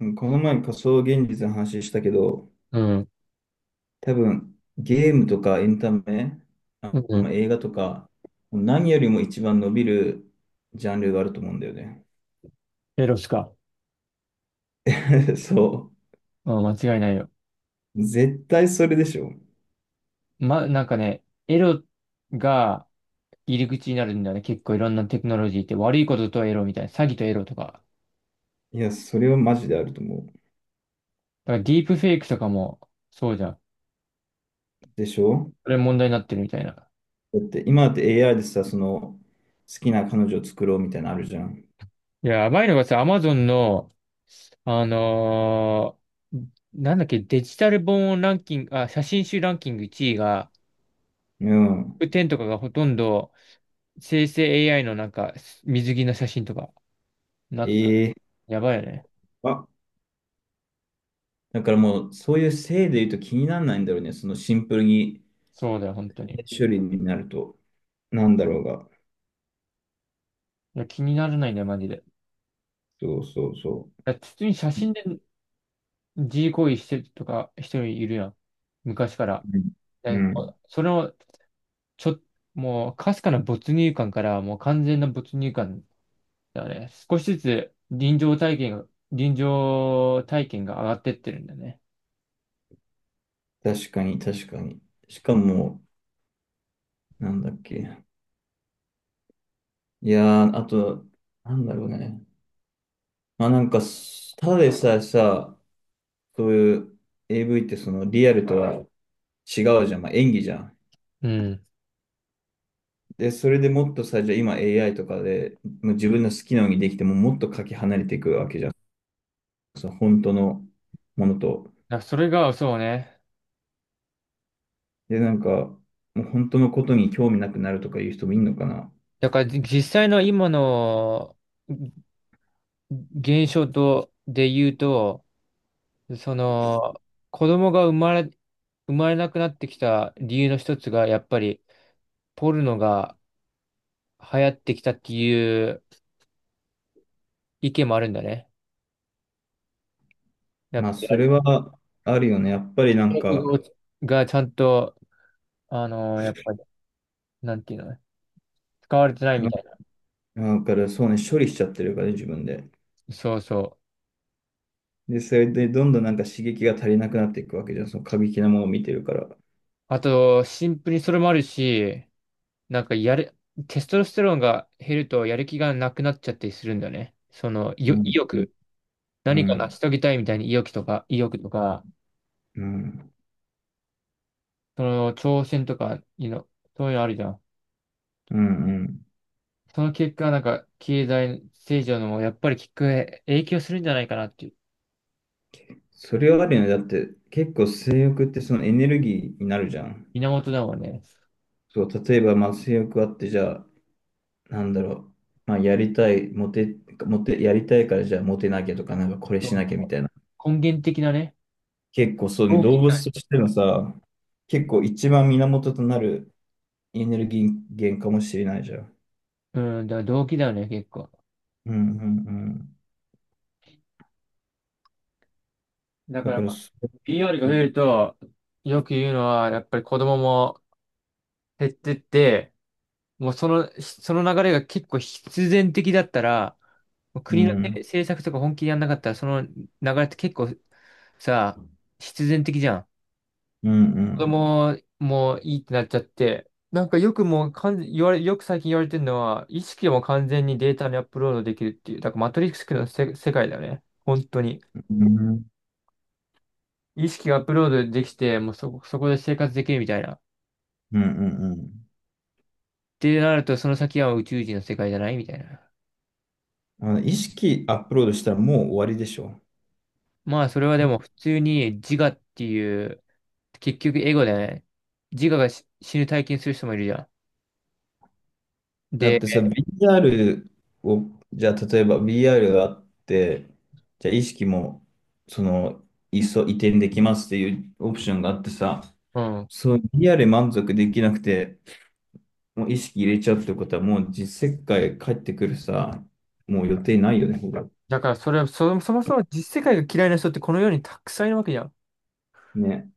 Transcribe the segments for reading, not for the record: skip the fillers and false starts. うん。この前仮想現実の話したけど、うん、多分ゲームとかエンタメ、うん。まあ映画とか、何よりも一番伸びるジャンルがあると思うんだよね。エロしか。そうん、間違いないよ。う。絶対それでしょ。エロが入り口になるんだよね。結構いろんなテクノロジーって悪いこととエロみたいな。詐欺とエロとか。いや、それはマジであると思う。だからディープフェイクとかもそうじゃん。でしょ。それ問題になってるみたいな。だって今だって AI でさ、その好きな彼女を作ろうみたいなのあるじゃん。いや、やばいのがさ、アマゾンの、あのーなんだっけ、デジタル本ランキング、あ、写真集ランキング1位が、うん。10とかがほとんど生成 AI のなんか水着の写真とかなってた。ええ。やばいよね。あ、だからもうそういう性で言うと気にならないんだろうね。そのシンプルにそうだよ、本当に。処理になると。なんだろうが。いや、気にならないね、マジで。いそうそうそや、普通に写真で G 行為してるとか人いるやん。昔から。う。うん。うでん。それを、ちょ、もう、かすかな没入感から、もう完全な没入感だよね。少しずつ臨場体験が、臨場体験が上がってってるんだよね。確かに、確かに。しかも、なんだっけ。いやー、あと、なんだろうね。まあなんか、ただでさえさ、そういう AV ってそのリアルとは違うじゃん。まあ演技じゃん。うん。だかで、それでもっとさ、じゃあ今 AI とかで、もう自分の好きなようにできても、もっとかけ離れていくわけじゃん。そう、本当のものと。らそれが、そうね。で、なんか、もう本当のことに興味なくなるとかいう人もいるのかな。だから、実際の今の現象と、で言うと、その、子供が生まれ、生まれなくなってきた理由の一つが、やっぱり、ポルノが流行ってきたっていう意見もあるんだね。やっまぱあ、そり、れはあるよね。やっぱりなんか、がちゃんと、やっぱり、なんていうのね、使われてないみたいな。だからそうね、処理しちゃってるからね、自分で。そうそう。で、それでどんどんなんか刺激が足りなくなっていくわけじゃん。その過激なものを見てるから。あと、シンプルにそれもあるし、なんか、やる、テストロステロンが減ると、やる気がなくなっちゃったりするんだよね。その、う意ん、うん、欲。う何か成ん、し遂げたいみたいに意欲とか、うん、その、挑戦とか、そういうのあるじゃん。うん。うん、その結果、なんか、経済成長のも、やっぱり結果、影響するんじゃないかなっていう、それはあるよね。だって結構性欲ってそのエネルギーになるじゃん。源だもんね。そう、例えばまあ性欲あって、じゃあ、なんだろう。まあ、やりたい、モテ、モテ、やりたいからじゃあモテなきゃとか、なんかこれそしうなかきゃみたいな。根源的なね。結構そうね、動動機物だ。としてのさ、結構一番源となるエネルギー源かもしれないじゃん。うん、だから動機だよね、結構。うんうんうん。だかだから、らまあ、そ、PR がう増えん、ると、よく言うのは、やっぱり子供も減ってって、もうその、その流れが結構必然的だったら、もうう国のん政策とか本気でやんなかったら、その流れって結構さ、必然的じゃん。うんう子ん。供もいいってなっちゃって、なんかよくもう完全、言われ、よく最近言われてるのは、意識も完全にデータにアップロードできるっていう、だからマトリックスの世界だよね。本当に。うん意識がアップロードできて、もうそこ、そこで生活できるみたいな。っうんうん。てなると、その先は宇宙人の世界じゃないみたいな。あの意識アップロードしたらもう終わりでしょ。まあ、それはでも普通に自我っていう、結局エゴだよね。自我が死ぬ体験する人もいるじゃん。だっで、てさ、VR を、じゃあ例えば VR があって、じゃあ意識も、その、いっそ移転できますっていうオプションがあってさ、うん。そう、VR 満足できなくて、もう意識入れちゃうってことは、もう実世界帰ってくるさ、もう予定ないよね、ほらだからそれは、そもそも実世界が嫌いな人ってこの世にたくさんいるわけじゃん。ね。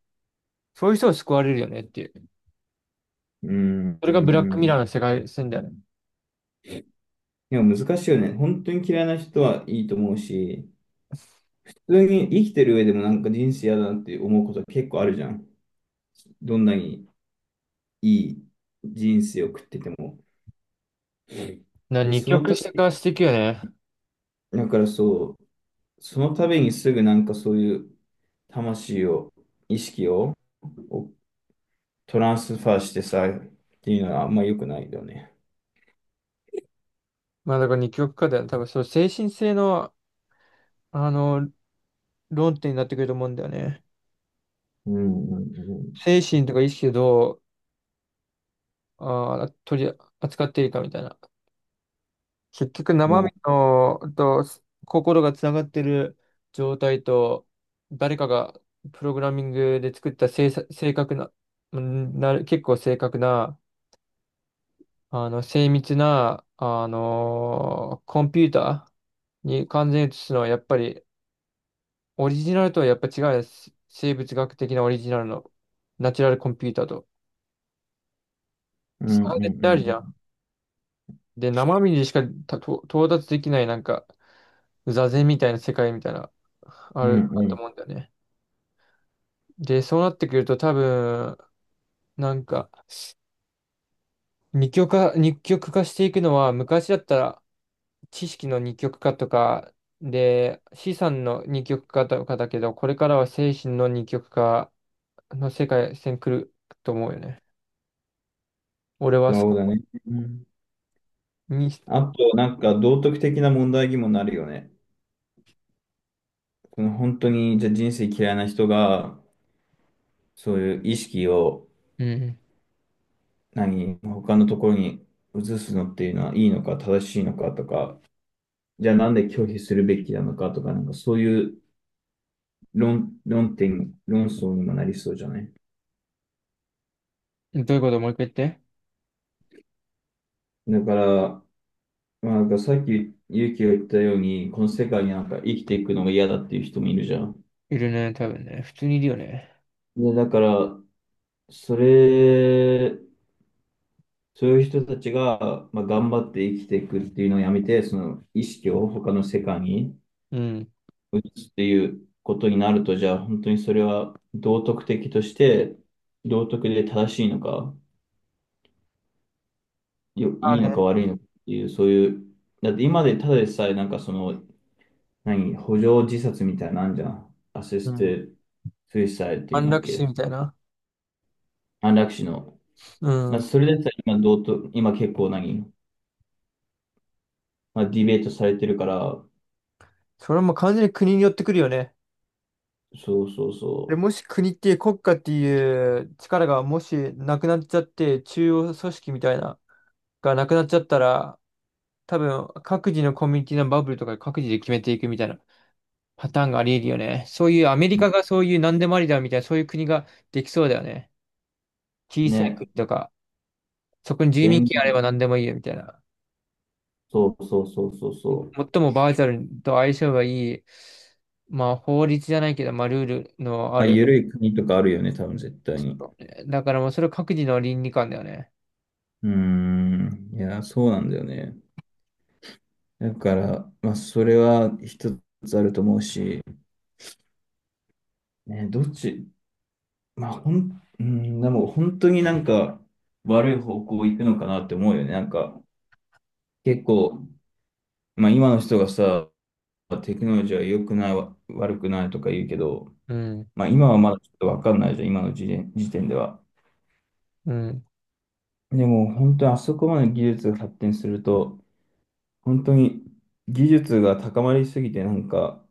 そういう人を救われるよねっていう。うん、そうれがん、ブラックうミラーん。の世界線だよね。でも難しいよね。本当に嫌いな人はいいと思うし、普通に生きてる上でもなんか人生嫌だなって思うことは結構あるじゃん。どんなにいい人生を送ってても。で、二そ極のた化していくよね。め、だからそう、そのためにすぐなんかそういう魂を、意識を、をトランスファーしてさ、っていうのはあんま良くないよね。まあだから二極化だよね。多分そう、精神性の、あの、論点になってくると思うんだよね。うんうん精神とか意識をどう、あー、取り扱っているかみたいな。結局うん。ま生身あ、の、と、心がつながってる状態と、誰かがプログラミングで作った正確な、うんなる、結構正確な、あの、精密な、コンピューターに完全に移すのは、やっぱり、オリジナルとはやっぱ違うです。生物学的なオリジナルの、ナチュラルコンピューターと。うん差うんうが絶対あるんうじゃん。ん。で、生身でしかたと到達できない、なんか、座禅みたいな世界みたいな、うんあうると思うんん。だよね。で、そうなってくると、多分、なんか、二極化していくのは、昔だったら、知識の二極化とか、で、資産の二極化とかだけど、これからは精神の二極化の世界線来ると思うよね。俺はそそうだこね。うん。に、あまと、なんか道徳的な問題にもなるよね。この本当に、じゃあ人生嫌いな人が、そういう意識を、うん。何、他のところに移すのっていうのはいいのか、正しいのかとか、じゃあなんで拒否するべきなのかとか、なんかそういう論点、論争にもなりそうじゃない？どういうこともう一回言って。だから、まあ、なんかさっき、勇気が言ったように、この世界になんか生きていくのが嫌だっていう人もいるじゃん。いるね、多分ね。普通にいるよね。で、だから、それ、そういう人たちが、まあ、頑張って生きていくっていうのをやめて、その意識を他の世界にうん。移すっていうことになると、じゃあ本当にそれは道徳的として、道徳で正しいのか、まあいいのね。か悪いのかっていう、そういう、だって今でただでさえなんかその、何、補助自殺みたいなのあんじゃん。アシうスん。テスイサイっていうん安だっ楽死け？みたいな。安楽死の。うまあん。それでさえ今、道徳、今結構何まあ、ディベートされてるから、それも完全に国によってくるよね。そうそうで、そもし国っていう国家っていう力がもしなくなっちゃって、中央組織みたいな、がなくなっちゃったら、多分、各自のコミュニティのバブルとかで各自で決めていくみたいなパターンがあり得るよね。そういうアメリカがそういう何でもありだみたいな、そういう国ができそうだよね。小う。さいね。国とか、そこに住民全権あれば何でもいいよみたいな。そうそうそうそうそう。最もバーチャルと相性がいい、まあ法律じゃないけど、まあルールのあまあ、る。緩い国とかあるよね、多分絶対に。だからもうそれは各自の倫理観だよね。うーん。いや、そうなんだよね。だから、まあ、それは一つあると思うし、ね、どっち、まあ、ほん、うん、でも本当になんか悪い方向行くのかなって思うよね。なんか、結構、まあ、今の人がさ、テクノロジーは良くない、悪くないとか言うけど、うん、まあ、今はまだちょっとわかんないじゃん、今の時点では。うん。でも本当にあそこまで技術が発展すると、本当に技術が高まりすぎて、なんか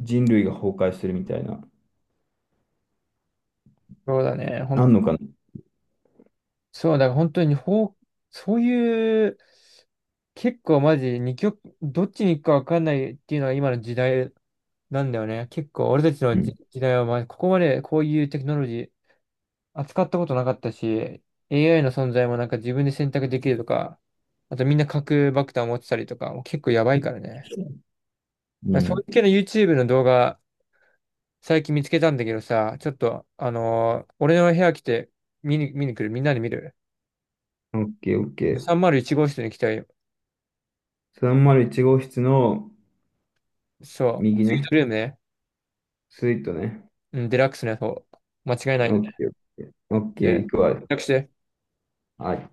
人類が崩壊するみたいな、そうだね。あんのかな。そう、だから本当にそういう、結構マジ、二極、どっちに行くか分かんないっていうのは今の時代なんだよね。結構俺たちうのん。時代は、まあ、ここまでこういうテクノロジー扱ったことなかったし、AI の存在もなんか自分で選択できるとか、あとみんな核爆弾を持ってたりとか、もう結構やばいからね。うだからそうん。いう系の YouTube の動画、最近見つけたんだけどさ、ちょっと、あのー俺の部屋来て見に来るみんなで見る オッケーオッケー。?301 号室に来たよ301号室のそう。右スイーね、トルームね。スイートね。うん、デラックスのやつを。間違いオないッで。ケーオッケー。オッケで、ー、行予くわ。約して。はい。